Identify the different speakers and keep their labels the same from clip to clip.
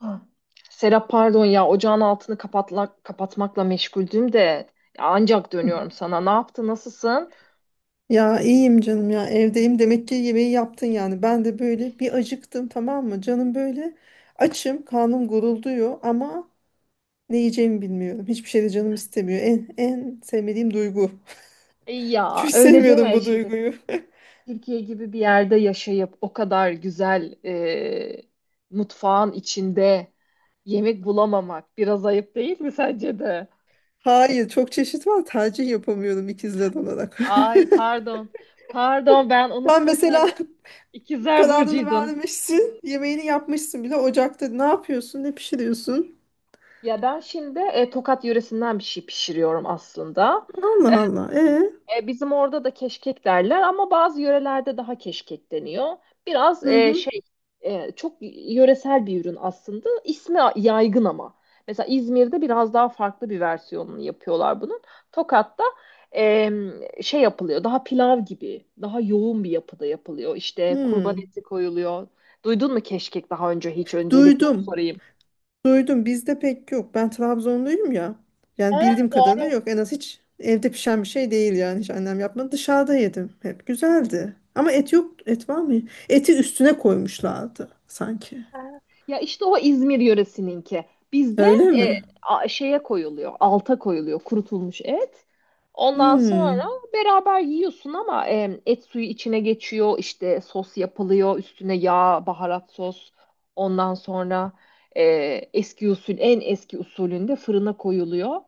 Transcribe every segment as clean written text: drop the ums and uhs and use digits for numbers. Speaker 1: Ah. Serap pardon ya, ocağın altını kapatmakla meşguldüm de ya ancak dönüyorum sana. Ne yaptı, nasılsın?
Speaker 2: Ya iyiyim canım, ya evdeyim demek ki, yemeği yaptın. Yani ben de böyle bir acıktım, tamam mı canım, böyle açım, karnım gurulduyor ama ne yiyeceğimi bilmiyorum, hiçbir şey de canım istemiyor. En sevmediğim duygu.
Speaker 1: Ya
Speaker 2: Hiç
Speaker 1: öyle
Speaker 2: sevmiyorum
Speaker 1: deme
Speaker 2: bu
Speaker 1: şimdi.
Speaker 2: duyguyu.
Speaker 1: Türkiye gibi bir yerde yaşayıp o kadar güzel mutfağın içinde yemek bulamamak biraz ayıp değil mi, sence de?
Speaker 2: Hayır, çok çeşit var, tercih yapamıyorum ikizler olarak.
Speaker 1: Ay, pardon. Pardon, ben
Speaker 2: Ben
Speaker 1: unuttum
Speaker 2: mesela.
Speaker 1: seni. İkizler
Speaker 2: Kararını
Speaker 1: Burcu'ydun.
Speaker 2: vermişsin. Yemeğini yapmışsın bile. Ocakta ne yapıyorsun? Ne pişiriyorsun?
Speaker 1: Ya ben şimdi Tokat yöresinden bir şey pişiriyorum aslında.
Speaker 2: Allah Allah.
Speaker 1: Bizim orada da keşkek derler ama bazı yörelerde daha keşkek deniyor. Biraz
Speaker 2: Hı hı.
Speaker 1: çok yöresel bir ürün aslında. İsmi yaygın ama. Mesela İzmir'de biraz daha farklı bir versiyonunu yapıyorlar bunun. Tokat'ta e, yapılıyor. Daha pilav gibi, daha yoğun bir yapıda yapılıyor. İşte kurban
Speaker 2: Hmm.
Speaker 1: eti koyuluyor. Duydun mu keşkek daha önce hiç? Öncelikle onu
Speaker 2: Duydum.
Speaker 1: sorayım.
Speaker 2: Duydum. Bizde pek yok. Ben Trabzonluyum ya. Yani bildiğim
Speaker 1: Aa,
Speaker 2: kadarıyla
Speaker 1: doğru.
Speaker 2: yok. En az hiç evde pişen bir şey değil yani. Hiç annem yapmadı. Dışarıda yedim. Hep güzeldi. Ama et yok. Et var mı? Eti üstüne koymuşlardı sanki.
Speaker 1: Ha. Ya, işte o İzmir yöresininki. Bizde
Speaker 2: Öyle mi?
Speaker 1: şeye koyuluyor, alta koyuluyor kurutulmuş et. Ondan sonra
Speaker 2: Hmm.
Speaker 1: beraber yiyorsun ama et suyu içine geçiyor, işte sos yapılıyor, üstüne yağ, baharat sos. Ondan sonra e, eski usul, en eski usulünde fırına koyuluyor.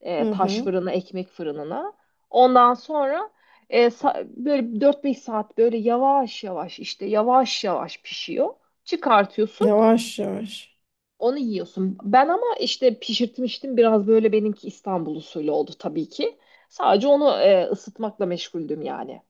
Speaker 2: Hı
Speaker 1: Taş
Speaker 2: hı.
Speaker 1: fırına, ekmek fırınına. Ondan sonra böyle 4-5 saat böyle yavaş yavaş işte yavaş yavaş pişiyor. Çıkartıyorsun.
Speaker 2: Yavaş yavaş.
Speaker 1: Onu yiyorsun. Ben ama işte pişirtmiştim, biraz böyle benimki İstanbul usulü oldu tabii ki. Sadece onu ısıtmakla meşguldüm yani.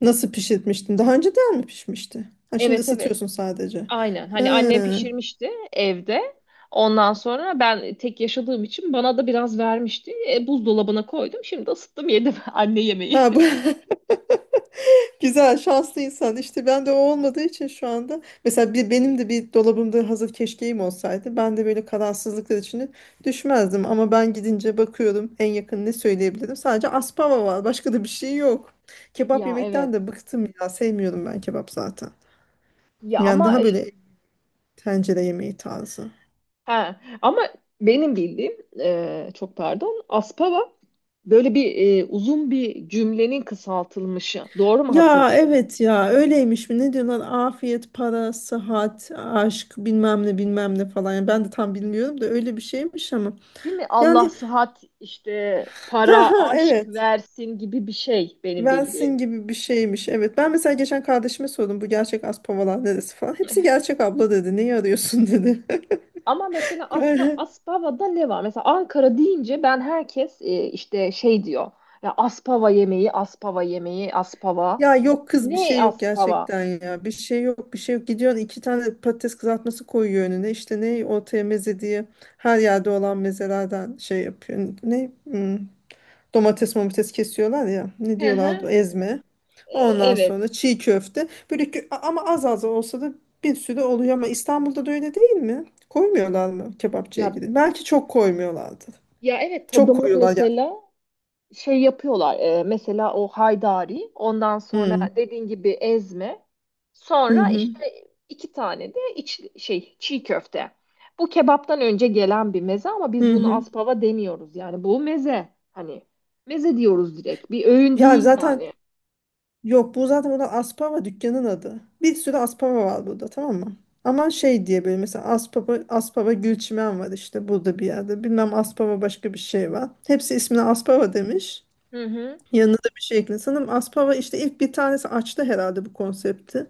Speaker 2: Nasıl pişirmiştin? Daha önceden mi pişmişti? Ha, şimdi
Speaker 1: Evet, evet.
Speaker 2: ısıtıyorsun sadece.
Speaker 1: Aynen. Hani
Speaker 2: Ha.
Speaker 1: annem pişirmişti evde. Ondan sonra ben tek yaşadığım için bana da biraz vermişti. Buzdolabına koydum. Şimdi ısıttım, yedim anne yemeği.
Speaker 2: Ha, bu güzel, şanslı insan. İşte ben de o olmadığı için şu anda, mesela bir, benim de bir dolabımda hazır keşkeğim olsaydı, ben de böyle kararsızlıklar içine düşmezdim. Ama ben gidince bakıyorum, en yakın ne söyleyebilirim, sadece aspava var, başka da bir şey yok. Kebap
Speaker 1: Ya,
Speaker 2: yemekten
Speaker 1: evet.
Speaker 2: de bıktım ya, sevmiyorum ben kebap zaten.
Speaker 1: Ya
Speaker 2: Yani
Speaker 1: ama
Speaker 2: daha
Speaker 1: e,
Speaker 2: böyle tencere yemeği tarzı.
Speaker 1: he, ama benim bildiğim çok pardon, aspava böyle bir uzun bir cümlenin kısaltılmışı. Doğru mu
Speaker 2: Ya
Speaker 1: hatırlıyorum?
Speaker 2: evet, ya öyleymiş mi ne diyorlar, afiyet, para, sıhhat, aşk, bilmem ne, bilmem ne falan. Yani ben de tam bilmiyorum da öyle bir şeymiş ama.
Speaker 1: Değil mi? Allah
Speaker 2: Yani
Speaker 1: sıhhat, işte
Speaker 2: ha
Speaker 1: para,
Speaker 2: ha,
Speaker 1: aşk
Speaker 2: evet,
Speaker 1: versin gibi bir şey benim
Speaker 2: versin
Speaker 1: bildiğim.
Speaker 2: gibi bir şeymiş, evet. Ben mesela geçen kardeşime sordum, bu gerçek Aspavalar neresi falan, hepsi gerçek abla dedi, neyi arıyorsun dedi.
Speaker 1: Ama mesela
Speaker 2: Yani
Speaker 1: Aspava'da ne var? Mesela Ankara deyince ben, herkes işte şey diyor. Ya, Aspava yemeği, Aspava yemeği, Aspava.
Speaker 2: ya yok kız, bir şey
Speaker 1: Ne
Speaker 2: yok
Speaker 1: Aspava?
Speaker 2: gerçekten ya, bir şey yok, bir şey yok. Gidiyorsun, iki tane patates kızartması koyuyor önüne, işte ne ortaya meze diye, her yerde olan mezelerden şey yapıyor. Ne? Hmm, domates momates kesiyorlar ya. Ne
Speaker 1: Hı
Speaker 2: diyorlardı?
Speaker 1: hı.
Speaker 2: Ezme. Ondan
Speaker 1: Evet.
Speaker 2: sonra çiğ köfte. Böyle ama az az olsa da bir sürü oluyor. Ama İstanbul'da da öyle değil mi? Koymuyorlar mı, kebapçıya
Speaker 1: Ya
Speaker 2: gidin? Belki çok koymuyorlardı.
Speaker 1: ya, evet,
Speaker 2: Çok
Speaker 1: tadımlık
Speaker 2: koyuyorlar ya.
Speaker 1: mesela şey yapıyorlar. Mesela o haydari, ondan sonra
Speaker 2: Hmm.
Speaker 1: dediğin gibi ezme.
Speaker 2: Hı
Speaker 1: Sonra
Speaker 2: hı.
Speaker 1: işte iki tane de iç, şey çiğ köfte. Bu kebaptan önce gelen bir meze ama biz
Speaker 2: Hı
Speaker 1: bunu
Speaker 2: hı.
Speaker 1: aspava demiyoruz. Yani bu meze. Hani meze diyoruz direkt. Bir öğün
Speaker 2: Ya
Speaker 1: değil
Speaker 2: zaten
Speaker 1: yani.
Speaker 2: yok, bu zaten burada Aspava dükkanın adı. Bir sürü Aspava var burada, tamam mı? Ama
Speaker 1: Bir...
Speaker 2: şey diye böyle, mesela Aspava, Aspava Gülçimen var işte burada bir yerde. Bilmem Aspava, başka bir şey var. Hepsi ismini Aspava demiş.
Speaker 1: Hı hı.
Speaker 2: Yanına da bir şey ekle. Sanırım Aspava işte ilk bir tanesi açtı herhalde bu konsepti.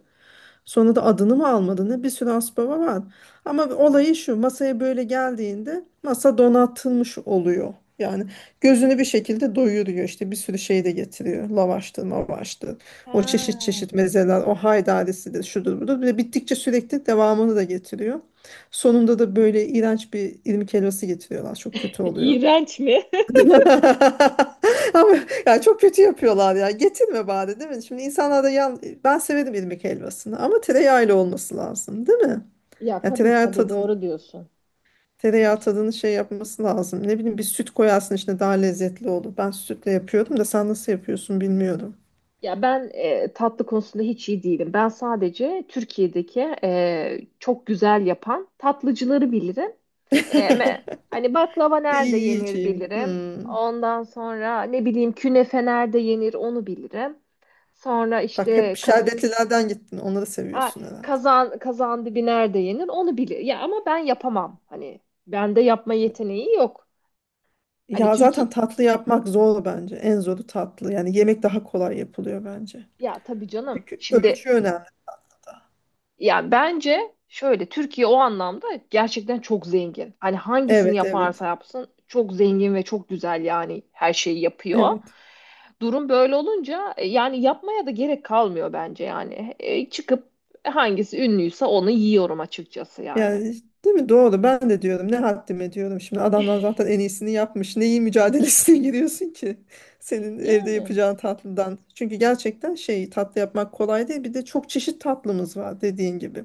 Speaker 2: Sonra da adını mı almadı ne? Bir sürü Aspava var. Ama olayı şu, masaya böyle geldiğinde masa donatılmış oluyor. Yani gözünü bir şekilde doyuruyor, işte bir sürü şey de getiriyor. Lavaştır, mavaştır. O çeşit
Speaker 1: Ha.
Speaker 2: çeşit mezeler, o haydarisidir, şudur budur. Bir de bittikçe sürekli devamını da getiriyor. Sonunda da böyle iğrenç bir irmik helvası getiriyorlar. Çok kötü oluyor.
Speaker 1: İğrenç mi?
Speaker 2: Ama ya çok kötü yapıyorlar ya. Getirme bari, değil mi? Şimdi insanlar da yan... Ben severim irmik helvasını ama tereyağıyla olması lazım, değil mi?
Speaker 1: Ya,
Speaker 2: Ya
Speaker 1: tabii
Speaker 2: tereyağı
Speaker 1: tabii,
Speaker 2: tadın,
Speaker 1: doğru diyorsun.
Speaker 2: tereyağı tadını şey yapması lazım. Ne bileyim, bir süt koyarsın içine, daha lezzetli olur. Ben sütle yapıyordum da, sen nasıl yapıyorsun bilmiyorum.
Speaker 1: Ya ben tatlı konusunda hiç iyi değilim. Ben sadece Türkiye'deki çok güzel yapan tatlıcıları bilirim. Hani baklava nerede
Speaker 2: İyi
Speaker 1: yenir
Speaker 2: yiyeceğim.
Speaker 1: bilirim.
Speaker 2: Hmm.
Speaker 1: Ondan sonra ne bileyim, künefe nerede yenir onu bilirim. Sonra
Speaker 2: Bak
Speaker 1: işte
Speaker 2: hep şerbetlilerden gittin. Onları
Speaker 1: a-
Speaker 2: seviyorsun herhalde.
Speaker 1: kazan dibi nerede yenir onu bilir. Ya ama ben yapamam. Hani bende yapma yeteneği yok. Hani
Speaker 2: Ya
Speaker 1: Türkiye,
Speaker 2: zaten tatlı yapmak zor bence. En zoru tatlı. Yani yemek daha kolay yapılıyor bence.
Speaker 1: ya tabii canım.
Speaker 2: Çünkü
Speaker 1: Şimdi,
Speaker 2: ölçü önemli.
Speaker 1: yani bence şöyle, Türkiye o anlamda gerçekten çok zengin. Hani hangisini
Speaker 2: Evet, evet.
Speaker 1: yaparsa yapsın çok zengin ve çok güzel, yani her şeyi yapıyor.
Speaker 2: Evet.
Speaker 1: Durum böyle olunca yani yapmaya da gerek kalmıyor bence yani. Çıkıp hangisi ünlüyse onu yiyorum açıkçası yani.
Speaker 2: Yani değil mi? Doğru. Ben de diyorum, ne haddime diyorum. Şimdi adamlar zaten en iyisini yapmış. Neyi mücadelesine giriyorsun ki? Senin evde
Speaker 1: Yani
Speaker 2: yapacağın tatlıdan. Çünkü gerçekten şey, tatlı yapmak kolay değil. Bir de çok çeşit tatlımız var dediğin gibi.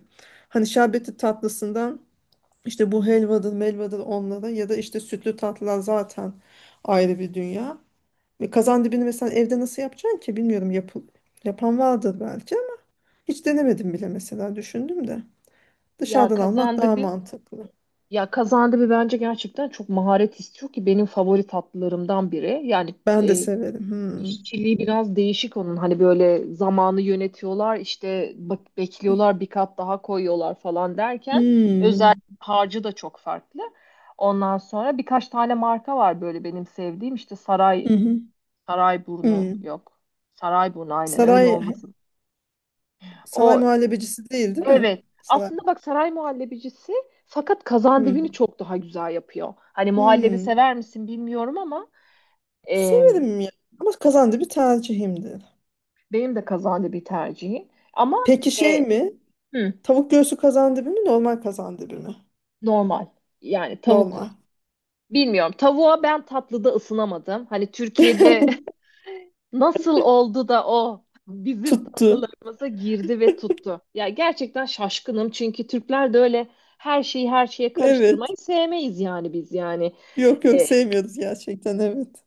Speaker 2: Hani şerbetli tatlısından işte bu helvadır, melvadır onlara, ya da işte sütlü tatlılar zaten ayrı bir dünya. Ve kazan dibini mesela evde nasıl yapacaksın ki? Bilmiyorum. Yapan vardır belki ama hiç denemedim bile, mesela düşündüm de.
Speaker 1: ya
Speaker 2: Dışarıdan almak
Speaker 1: kazandı
Speaker 2: daha
Speaker 1: bir
Speaker 2: mantıklı.
Speaker 1: ya kazandı bir bence gerçekten çok maharet istiyor ki benim favori tatlılarımdan biri. Yani
Speaker 2: Ben de severim. Hmm.
Speaker 1: İşçiliği biraz değişik onun. Hani böyle zamanı yönetiyorlar, işte bak bekliyorlar, bir kat daha koyuyorlar falan derken özel
Speaker 2: Hmm.
Speaker 1: harcı da çok farklı. Ondan sonra birkaç tane marka var böyle benim sevdiğim. İşte Saray
Speaker 2: Hı hı.
Speaker 1: Sarayburnu
Speaker 2: Hmm.
Speaker 1: yok. Sarayburnu aynen öyle
Speaker 2: Saray
Speaker 1: olmasın.
Speaker 2: Saray
Speaker 1: O,
Speaker 2: muhallebecisi değil, değil mi?
Speaker 1: evet.
Speaker 2: Saray.
Speaker 1: Aslında bak, Saray Muhallebicisi, fakat kazandivini
Speaker 2: Hmm.
Speaker 1: çok daha güzel yapıyor. Hani muhallebi
Speaker 2: Hmm.
Speaker 1: sever misin bilmiyorum ama e,
Speaker 2: Severim ya. Ama kazandibi bir tercihimdir.
Speaker 1: benim de kazandibi tercihim. Ama
Speaker 2: Peki şey
Speaker 1: e,
Speaker 2: mi?
Speaker 1: hı.
Speaker 2: Tavuk göğsü kazandibi mi? Normal kazandibi mi?
Speaker 1: Normal. Yani tavuk
Speaker 2: Normal.
Speaker 1: bilmiyorum. Tavuğa ben tatlıda ısınamadım. Hani Türkiye'de nasıl oldu da o bizim
Speaker 2: Tuttu.
Speaker 1: tatlılarımıza girdi ve tuttu. Ya gerçekten şaşkınım, çünkü Türkler de öyle her şeyi her şeye
Speaker 2: Evet.
Speaker 1: karıştırmayı sevmeyiz yani, biz yani.
Speaker 2: Yok yok,
Speaker 1: E,
Speaker 2: sevmiyoruz gerçekten, evet.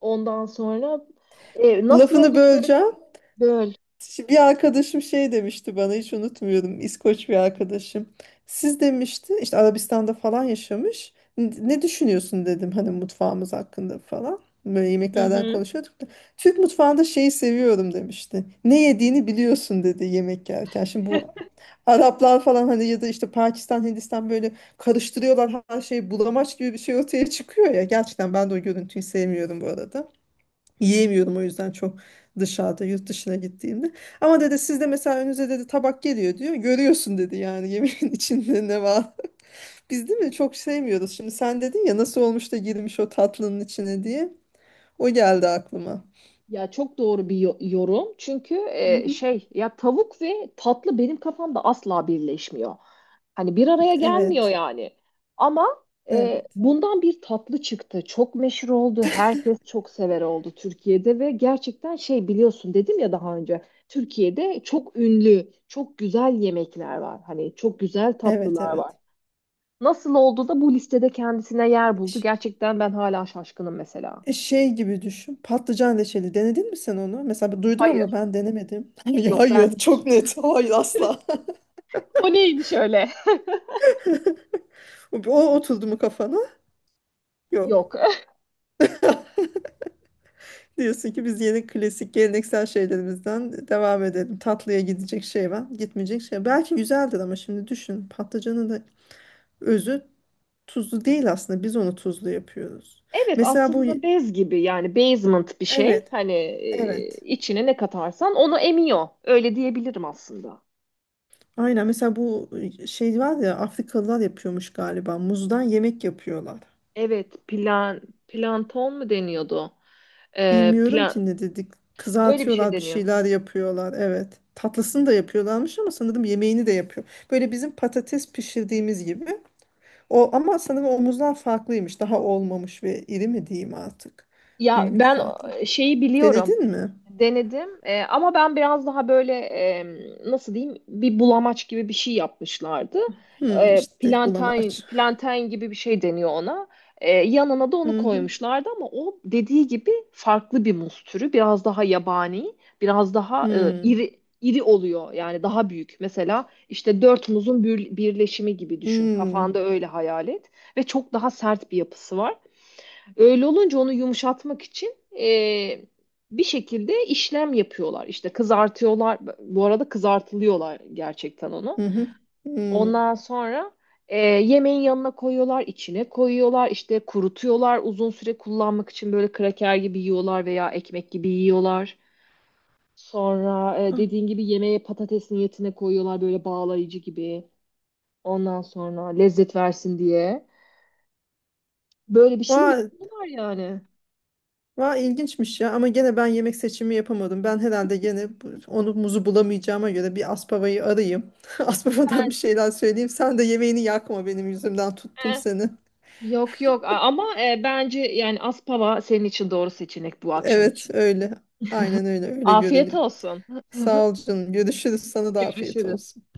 Speaker 1: Ondan sonra nasıl oldu
Speaker 2: Lafını
Speaker 1: da böyle
Speaker 2: böleceğim.
Speaker 1: böl.
Speaker 2: Bir arkadaşım şey demişti bana, hiç unutmuyorum. İskoç bir arkadaşım. Siz, demişti, işte Arabistan'da falan yaşamış. Ne düşünüyorsun" dedim, hani mutfağımız hakkında falan. Böyle
Speaker 1: Hı
Speaker 2: yemeklerden
Speaker 1: hı.
Speaker 2: konuşuyorduk da. Türk mutfağında şeyi seviyorum, demişti. Ne yediğini biliyorsun, dedi, yemek yerken. Şimdi bu Araplar falan, hani ya da işte Pakistan, Hindistan, böyle karıştırıyorlar her şeyi, bulamaç gibi bir şey ortaya çıkıyor ya. Gerçekten ben de o görüntüyü sevmiyorum bu arada. Yiyemiyorum o yüzden çok, dışarıda yurt dışına gittiğimde. Ama dedi sizde mesela önünüze, dedi, tabak geliyor, diyor. Görüyorsun dedi yani yemeğin içinde ne var. Biz değil mi, çok sevmiyoruz. Şimdi sen dedin ya, nasıl olmuş da girmiş o tatlının içine diye. O geldi aklıma.
Speaker 1: Ya, çok doğru bir yorum. Çünkü
Speaker 2: Hı hı.
Speaker 1: ya tavuk ve tatlı benim kafamda asla birleşmiyor. Hani bir araya gelmiyor
Speaker 2: Evet.
Speaker 1: yani. Ama
Speaker 2: Evet.
Speaker 1: bundan bir tatlı çıktı. Çok meşhur oldu. Herkes çok sever oldu Türkiye'de ve gerçekten biliyorsun, dedim ya daha önce. Türkiye'de çok ünlü, çok güzel yemekler var. Hani çok güzel
Speaker 2: Evet
Speaker 1: tatlılar var.
Speaker 2: evet.
Speaker 1: Nasıl oldu da bu listede kendisine yer buldu?
Speaker 2: Ş-
Speaker 1: Gerçekten ben hala şaşkınım mesela.
Speaker 2: Şey gibi düşün. Patlıcan reçeli denedin mi sen onu? Mesela ben duydum ama
Speaker 1: Hayır,
Speaker 2: ben denemedim. Ya
Speaker 1: yok, ben
Speaker 2: hayır, çok
Speaker 1: hiç.
Speaker 2: net. Hayır asla.
Speaker 1: O neymiş öyle?
Speaker 2: O oturdu mu kafana? Yok.
Speaker 1: Yok.
Speaker 2: Diyorsun ki biz yeni klasik geleneksel şeylerimizden devam edelim. Tatlıya gidecek şey var, gitmeyecek şey. Belki güzeldir ama şimdi düşün. Patlıcanın da özü tuzlu değil aslında. Biz onu tuzlu yapıyoruz.
Speaker 1: Evet,
Speaker 2: Mesela bu
Speaker 1: aslında bez gibi yani, basement bir şey.
Speaker 2: evet,
Speaker 1: Hani
Speaker 2: evet.
Speaker 1: içine ne katarsan onu emiyor. Öyle diyebilirim aslında.
Speaker 2: Aynen, mesela bu şey var ya, Afrikalılar yapıyormuş galiba. Muzdan yemek yapıyorlar.
Speaker 1: Evet, planton mu deniyordu?
Speaker 2: Bilmiyorum
Speaker 1: Plan
Speaker 2: ki ne dedik.
Speaker 1: Öyle bir şey
Speaker 2: Kızartıyorlar, bir
Speaker 1: deniyor.
Speaker 2: şeyler yapıyorlar. Evet. Tatlısını da yapıyorlarmış ama sanırım yemeğini de yapıyor. Böyle bizim patates pişirdiğimiz gibi. O ama sanırım omuzlar farklıymış. Daha olmamış ve iri mi diyeyim artık.
Speaker 1: Ya
Speaker 2: Büyük,
Speaker 1: ben
Speaker 2: farklı.
Speaker 1: şeyi biliyorum.
Speaker 2: Denedin mi?
Speaker 1: Denedim. Ama ben biraz daha böyle nasıl diyeyim, bir bulamaç gibi bir şey yapmışlardı.
Speaker 2: Hmm, işte
Speaker 1: Plantain,
Speaker 2: bulamaç.
Speaker 1: plantain gibi bir şey deniyor ona. Yanına da onu
Speaker 2: Hı hı.
Speaker 1: koymuşlardı ama o dediği gibi farklı bir muz türü. Biraz daha yabani, biraz daha
Speaker 2: Hmm.
Speaker 1: iri iri oluyor yani, daha büyük. Mesela işte dört muzun birleşimi gibi düşün.
Speaker 2: Hmm.
Speaker 1: Kafanda öyle hayal et ve çok daha sert bir yapısı var. Öyle olunca onu yumuşatmak için e, bir şekilde işlem yapıyorlar. İşte kızartıyorlar. Bu arada kızartılıyorlar gerçekten onu.
Speaker 2: Hı hı. Hmm.
Speaker 1: Ondan sonra yemeğin yanına koyuyorlar, içine koyuyorlar, işte kurutuyorlar. Uzun süre kullanmak için böyle kraker gibi yiyorlar veya ekmek gibi yiyorlar. Sonra
Speaker 2: Ah,
Speaker 1: dediğin gibi yemeğe patates niyetine koyuyorlar, böyle bağlayıcı gibi. Ondan sonra lezzet versin diye. Böyle bir şey
Speaker 2: vay,
Speaker 1: yapıyorlar yani.
Speaker 2: vay ilginçmiş ya, ama gene ben yemek seçimi yapamadım. Ben herhalde gene onu, muzu bulamayacağıma göre bir aspavayı arayayım. Aspavadan bir şeyler söyleyeyim. Sen de yemeğini yakma benim yüzümden, tuttum seni.
Speaker 1: Yok yok, ama bence yani Aspava senin için doğru seçenek bu akşam
Speaker 2: Evet,
Speaker 1: için.
Speaker 2: öyle. Aynen öyle, öyle
Speaker 1: Afiyet
Speaker 2: görünüyor.
Speaker 1: olsun.
Speaker 2: Sağ ol canım. Görüşürüz. Sana da afiyet
Speaker 1: Görüşürüz.
Speaker 2: olsun.